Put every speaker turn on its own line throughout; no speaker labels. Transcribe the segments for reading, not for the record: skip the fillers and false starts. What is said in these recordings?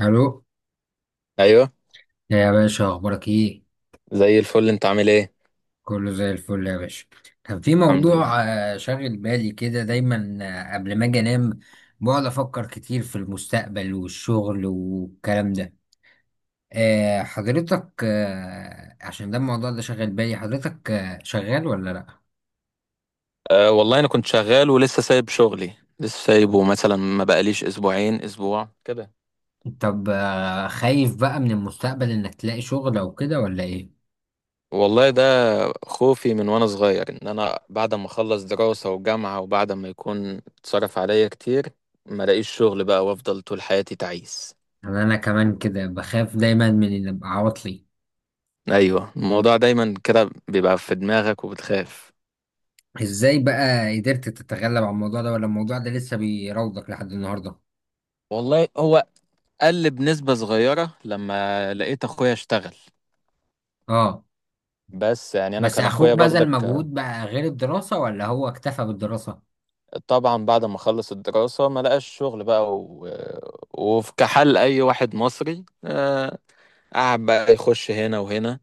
الو،
ايوه.
يا باشا، اخبارك ايه؟
زي الفل، انت عامل ايه؟
كله زي الفل يا باشا. كان في
الحمد لله.
موضوع شاغل بالي كده دايما، قبل ما اجي انام. بقعد افكر كتير في المستقبل والشغل والكلام ده. حضرتك، عشان ده الموضوع ده شاغل بالي حضرتك، شغال ولا لا؟
أه والله انا كنت شغال ولسه سايب شغلي، لسه سايبه مثلا، ما بقاليش اسبوعين اسبوع كده.
طب، خايف بقى من المستقبل انك تلاقي شغل او كده ولا ايه؟
والله ده خوفي من وانا صغير ان انا بعد ما اخلص دراسة وجامعة وبعد ما يكون اتصرف عليا كتير ما الاقيش شغل بقى وافضل طول حياتي تعيس.
انا كمان كده بخاف دايما من ان ابقى عواطلي.
ايوه، الموضوع دايما كده بيبقى في دماغك وبتخاف.
ازاي بقى قدرت تتغلب على الموضوع ده، ولا الموضوع ده لسه بيراودك لحد النهارده؟
والله هو قل بنسبة صغيرة لما لقيت اخويا اشتغل،
اه.
بس يعني انا
بس
كان اخويا
اخوك بذل
برضك.
مجهود بقى غير الدراسة، ولا هو اكتفى بالدراسة؟
طبعا بعد ما خلص الدراسة ما لقاش شغل بقى وفي كحال أي واحد مصري، قعد بقى يخش هنا وهنا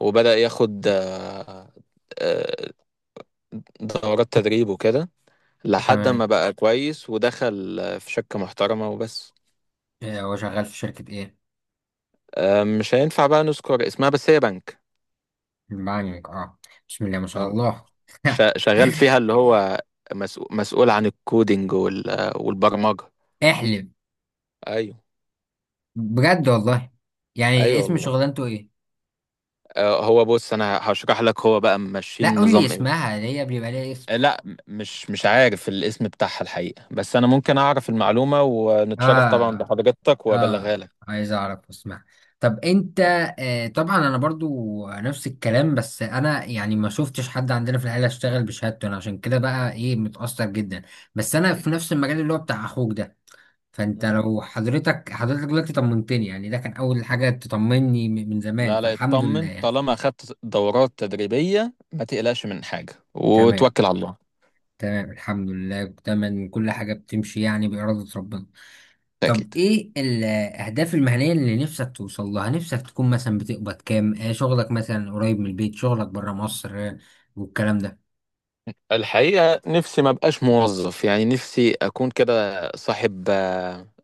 وبدأ ياخد آه، دورات تدريب وكده، لحد
تمام.
ما بقى كويس ودخل في شركة محترمة وبس.
هو شغال في شركة ايه؟
مش هينفع بقى نذكر اسمها، بس هي بنك.
بانك، اه. بسم الله ما شاء
اه،
الله.
شغال فيها اللي هو مسؤول عن الكودينج والبرمجة.
احلم،
ايوه.
بجد والله. يعني
ايوه
اسم
والله.
شغلانته ايه؟
هو بص انا هشرح لك، هو بقى
لا،
ماشيين
قول لي
نظام.
اسمها، اللي هي بيبقى ليها اسم.
لا، مش عارف الاسم بتاعها الحقيقة، بس أنا ممكن أعرف المعلومة ونتشرف طبعا
اه،
بحضرتك وأبلغها
اه،
لك.
عايز اعرف واسمع. طب انت، طبعا انا برضو نفس الكلام، بس انا يعني ما شفتش حد عندنا في العيله اشتغل بشهادته، انا عشان كده بقى ايه متاثر جدا. بس انا في
أكيد.
نفس المجال اللي هو بتاع اخوك ده. فانت
مم.
لو حضرتك دلوقتي طمنتني، يعني ده كان اول حاجه تطمني من زمان،
لا لا
فالحمد
اطمن،
لله.
طالما أخدت دورات تدريبية ما تقلقش من حاجة
تمام.
وتوكل على الله.
تمام، الحمد لله، تمام، كل حاجه بتمشي يعني باراده ربنا. طب
أكيد.
ايه الاهداف المهنيه اللي نفسك توصل لها؟ نفسك تكون مثلا بتقبض كام، شغلك مثلا قريب من البيت، شغلك بره مصر، والكلام ده؟
الحقيقة نفسي ما بقاش موظف، يعني نفسي أكون كده صاحب.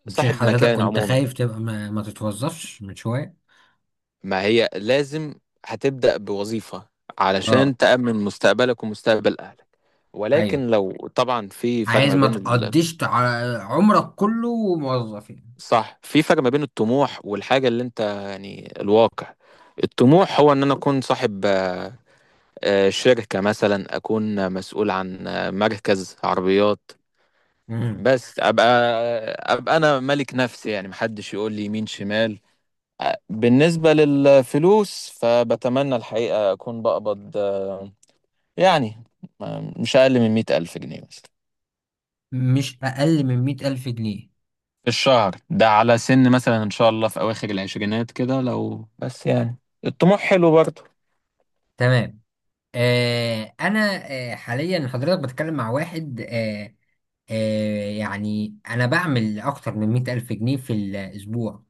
مش
صاحب
حضرتك
مكان
كنت
عموما.
خايف تبقى ما تتوظفش من شويه؟
ما هي لازم هتبدأ بوظيفة
اه،
علشان تأمن مستقبلك ومستقبل أهلك.
ايوه،
ولكن لو طبعا في فرق
عايز
ما
ما
بين،
تقضيش عمرك كله موظف يعني.
صح، في فرق ما بين الطموح والحاجة اللي انت يعني الواقع. الطموح هو ان انا اكون صاحب شركة مثلا، اكون مسؤول عن مركز عربيات.
مم.
بس ابقى انا ملك نفسي، يعني محدش يقول لي يمين شمال. بالنسبة للفلوس فبتمنى الحقيقة اكون بقبض يعني مش اقل من مئة الف جنيه مثلا
مش اقل من 100,000 جنيه.
في الشهر، ده على سن مثلا ان شاء الله في اواخر العشرينات كده، لو بس يعني، الطموح حلو برضه.
تمام. انا، حاليا حضرتك بتكلم مع واحد، يعني انا بعمل اكتر من 100,000 جنيه في الاسبوع.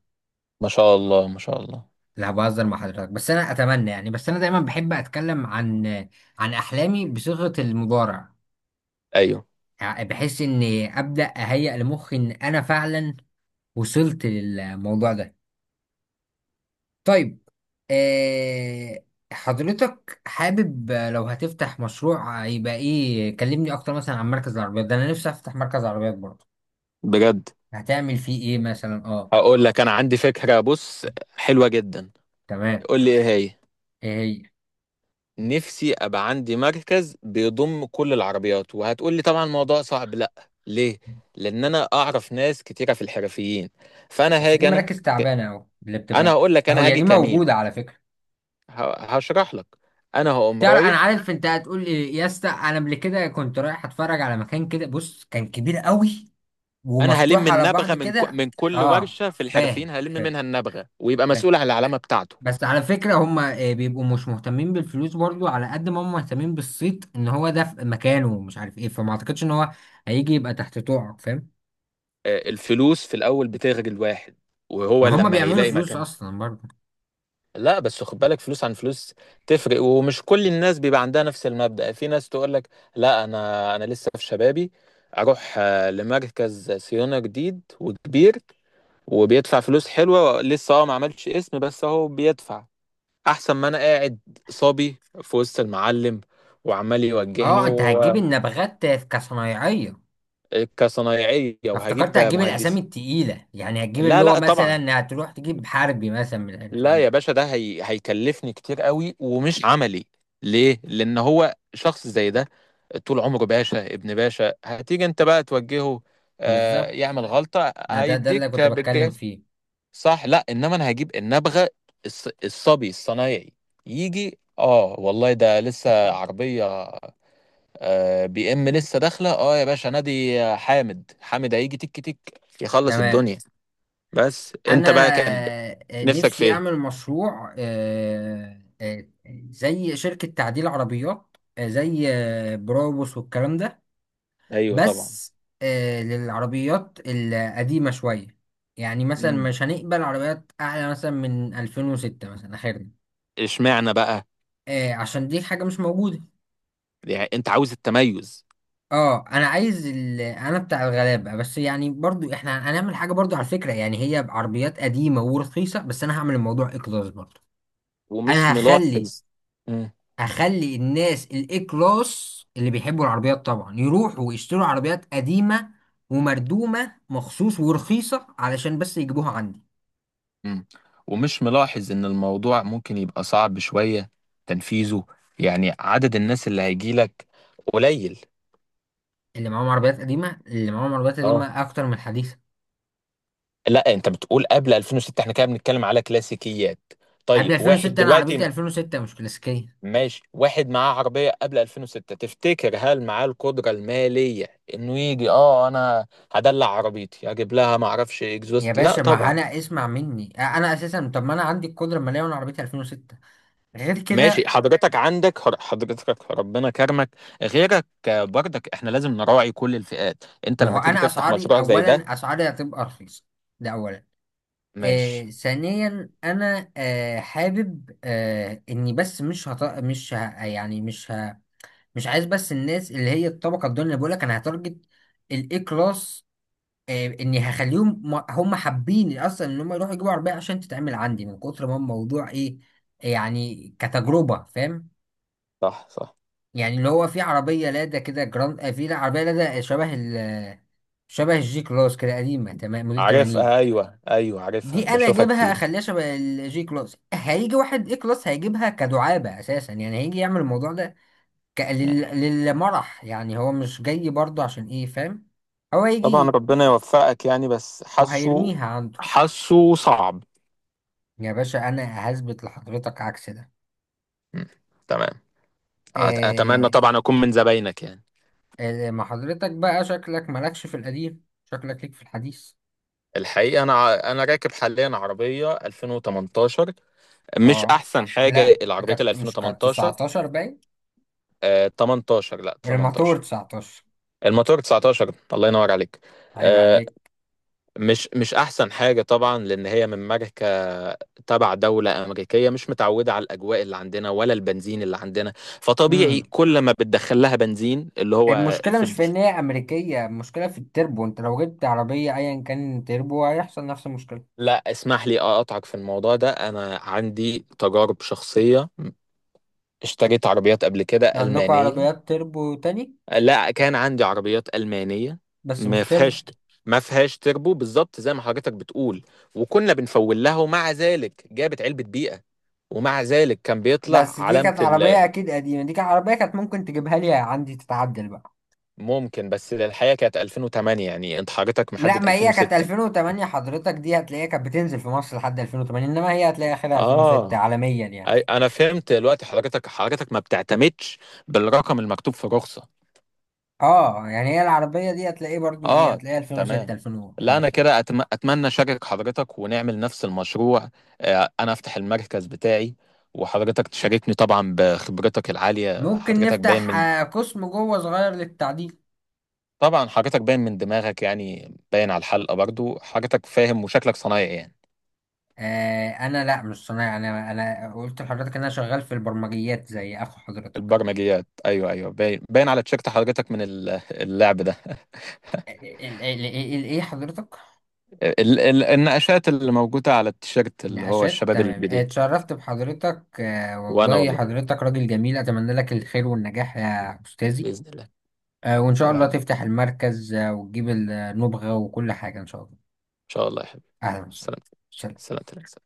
ما شاء الله ما شاء الله.
لا، بهزر مع حضرتك، بس انا اتمنى يعني، بس انا دايما بحب اتكلم عن عن احلامي بصيغة المضارع.
ايوه
يعني بحيث اني ابدا اهيئ لمخي ان انا فعلا وصلت للموضوع ده. طيب، آه، حضرتك حابب لو هتفتح مشروع يبقى ايه؟ كلمني اكتر مثلا عن مركز العربيات ده، انا نفسي افتح مركز عربيات برضه.
بجد.
هتعمل فيه ايه مثلا؟ اه،
هقول لك انا عندي فكرة، بص، حلوة جدا.
تمام.
قول لي ايه هي.
ايه هي؟
نفسي ابقى عندي مركز بيضم كل العربيات، وهتقول لي طبعا الموضوع صعب، لا، ليه؟ لان انا اعرف ناس كتيرة في الحرفيين، فانا
بس دي
هاجي انا
مراكز
ك-
تعبانة، اهو اللي
انا
بتبقى.
هقول لك، انا
هي
هاجي
دي
كمين.
موجودة على فكرة.
هشرح لك. انا هقوم
تعرف انا
رايح،
عارف انت هتقول ايه يا اسطى، انا قبل كده كنت رايح اتفرج على مكان كده، بص، كان كبير قوي
انا هلم
ومفتوح على بعض
النبغه
كده.
من كل
اه،
ورشه في الحرفيين،
فاهم،
هلم
فاهم،
منها النبغه ويبقى
فاهم.
مسؤول عن العلامه بتاعته.
بس على فكره هم بيبقوا مش مهتمين بالفلوس برضو، على قد ما هم مهتمين بالصيت ان هو ده في مكانه ومش عارف ايه، فما اعتقدش ان هو هيجي يبقى تحت طوعك، فاهم.
الفلوس في الاول بتغري الواحد، وهو
ما هم
لما
بيعملوا
هيلاقي
فلوس
مكان.
اصلا برضو.
لا، بس خد بالك، فلوس عن فلوس تفرق، ومش كل الناس بيبقى عندها نفس المبدأ، في ناس تقول لك لا، انا لسه في شبابي، اروح لمركز صيانه جديد وكبير وبيدفع فلوس حلوه، لسه اه ما عملش اسم بس اهو بيدفع، احسن ما انا قاعد صبي في وسط المعلم وعمال يوجهني
اه، انت هتجيب النبغات كصنايعيه؟
كصنايعية
افتكرت
وهجيب
هتجيب الاسامي
مهندس.
التقيله، يعني هتجيب اللي
لا
هو
لا طبعا.
مثلا، هتروح تجيب حربي مثلا من
لا يا
الحربيين.
باشا، هيكلفني كتير قوي ومش عملي. ليه؟ لأن هو شخص زي ده طول عمره باشا ابن باشا، هتيجي انت بقى توجهه، آه
بالظبط.
يعمل غلطة
ما ده اللي
هيديك
كنت بتكلم
بالجاف.
فيه.
صح. لا انما انا هجيب النبغة، الصبي الصنايعي، يجي اه والله ده لسه عربية آه بي ام لسه داخلة، اه يا باشا نادي حامد، حامد هيجي تك تك يخلص
تمام.
الدنيا. بس انت
انا
بقى كان نفسك في
نفسي
ايه؟
اعمل مشروع زي شركة تعديل عربيات، زي بروبوس والكلام ده.
ايوه طبعا.
بس للعربيات القديمة شوية. يعني مثلا
امم
مش هنقبل عربيات اعلى مثلا من 2006 مثلا اخرنا.
اشمعنى بقى؟
عشان دي حاجة مش موجودة.
يعني انت عاوز التميز.
اه، انا عايز انا بتاع الغلابه، بس يعني برضو احنا هنعمل حاجه برضو على فكره، يعني هي بعربيات قديمه ورخيصه، بس انا هعمل الموضوع اي كلاس برضو.
ومش
انا هخلي
ملاحظ. مم.
هخلي الناس الاي كلاس اللي بيحبوا العربيات طبعا يروحوا ويشتروا عربيات قديمه ومردومه مخصوص ورخيصه علشان بس يجيبوها عندي.
مم. ومش ملاحظ ان الموضوع ممكن يبقى صعب شوية تنفيذه، يعني عدد الناس اللي هيجيلك قليل.
اللي معاهم عربيات
اه،
قديمه اكتر من الحديثه.
لا، انت بتقول قبل 2006، احنا كده بنتكلم على كلاسيكيات.
قبل
طيب، واحد
2006، انا عربيتي
دلوقتي،
2006 مش كلاسيكيه.
ماشي، واحد معاه عربية قبل 2006 تفتكر هل معاه القدرة المالية انه يجي اه انا هدلع عربيتي اجيب لها ما اعرفش
يا
اكزوست؟ لا
باشا، ما
طبعا.
انا اسمع مني انا اساسا، طب ما انا عندي القدره الماليه وانا عربيتي 2006، غير
ماشي،
كده.
حضرتك عندك حضرتك ربنا كرمك، غيرك برضك احنا لازم نراعي كل الفئات، انت
ما هو
لما تيجي
انا
تفتح
اسعاري،
مشروع زي ده.
اولا اسعاري هتبقى رخيصه، ده اولا.
ماشي.
ثانيا انا، حابب، اني بس مش هط... مش ه... يعني مش ه... مش عايز بس الناس اللي هي الطبقه الدنيا، اللي بقول لك انا هتارجت الاي كلاس. اني هخليهم، هم حابين اصلا ان هم يروحوا يجيبوا عربيه عشان تتعمل عندي، من كتر ما الموضوع ايه، يعني كتجربه، فاهم.
صح صح.
يعني اللي هو في عربية لادا كده جراند افيلا، عربية لادا شبه الجي كلاس كده، قديمة تمام موديل 80.
عارفها، ايوه ايوه عارفها،
دي انا
بشوفها
اجيبها،
كتير.
اخليها شبه الجي كلاس، هيجي واحد اي كلاس هيجيبها كدعابة اساسا، يعني هيجي يعمل الموضوع ده
مم.
للمرح، يعني هو مش جاي برضه عشان ايه، فاهم. هو
طبعا
هيجي
ربنا يوفقك يعني، بس حاسه،
وهيرميها عنده.
حاسه صعب.
يا باشا، انا هثبت لحضرتك عكس ده.
مم. تمام. اتمنى
آه...
طبعا اكون من زباينك يعني.
ما حضرتك بقى شكلك مالكش في القديم، شكلك ليك في الحديث.
الحقيقه انا انا راكب حاليا عربيه 2018. مش
اه،
احسن حاجه
لا،
العربيات ال
كانت مش كانت
2018.
19 باين.
آه 18، لا
الماتور
18.
19،
الموتور 19. الله ينور عليك.
عيب
آه
عليك.
مش احسن حاجه طبعا، لان هي من ماركه تبع دوله امريكيه مش متعوده على الاجواء اللي عندنا ولا البنزين اللي عندنا، فطبيعي
امم
كل ما بتدخل لها بنزين اللي هو
المشكلة
في.
مش في إن هي أمريكية، المشكلة في التربو. أنت لو جبت عربية أيا كان تربو هيحصل نفس المشكلة.
لا اسمح لي اقطعك في الموضوع ده، انا عندي تجارب شخصية، اشتريت عربيات قبل كده
عندكم
ألمانية.
عربيات تربو تاني؟
لا، كان عندي عربيات ألمانية.
بس
ما
مش تربو.
فيهاش ما فيهاش تربو بالظبط زي ما حضرتك بتقول، وكنا بنفول لها ومع ذلك جابت علبة بيئة، ومع ذلك كان بيطلع
بس دي
علامة
كانت عربية أكيد قديمة، دي كانت عربية، كانت ممكن تجيبها لي عندي تتعدل بقى.
ممكن، بس الحقيقة كانت 2008 يعني، انت حضرتك
لا،
محدد
ما هي كانت
2006.
2008، حضرتك دي هتلاقيها كانت بتنزل في مصر لحد 2008، إنما هي هتلاقي آخرها 2006
اه.
عالميا يعني.
انا فهمت دلوقتي، حضرتك ما بتعتمدش بالرقم المكتوب في الرخصة.
اه، يعني هي العربية دي هتلاقيه برضو ايه،
اه.
هتلاقيه 2006،
تمام. لا انا
2005 يعني.
كده اتمنى اشارك حضرتك ونعمل نفس المشروع، انا افتح المركز بتاعي وحضرتك تشاركني طبعا بخبرتك العالية،
ممكن
حضرتك باين
نفتح
من،
قسم جوه صغير للتعديل.
طبعا حضرتك باين من دماغك يعني، باين على الحلقة برضو حضرتك فاهم، وشكلك صنايعي يعني.
انا لا، مش صنايعي، انا قلت لحضرتك ان انا شغال في البرمجيات زي اخو حضرتك.
البرمجيات، ايوه ايوه باين، على تيشيرت حضرتك من اللعب ده.
آه، آه، الايه حضرتك؟
النقاشات اللي موجودة على التيشيرت اللي هو
نقاشات،
الشباب
تمام.
الجديد.
اتشرفت بحضرتك،
وانا
والله
والله
حضرتك راجل جميل، اتمنى لك الخير والنجاح يا استاذي.
بإذن الله.
وان شاء الله
تمام.
تفتح المركز، وتجيب النبغة وكل حاجة ان شاء الله.
ان شاء الله يا حبيبي.
اهلا وسهلا،
سلامتك.
سلام.
سلامتك.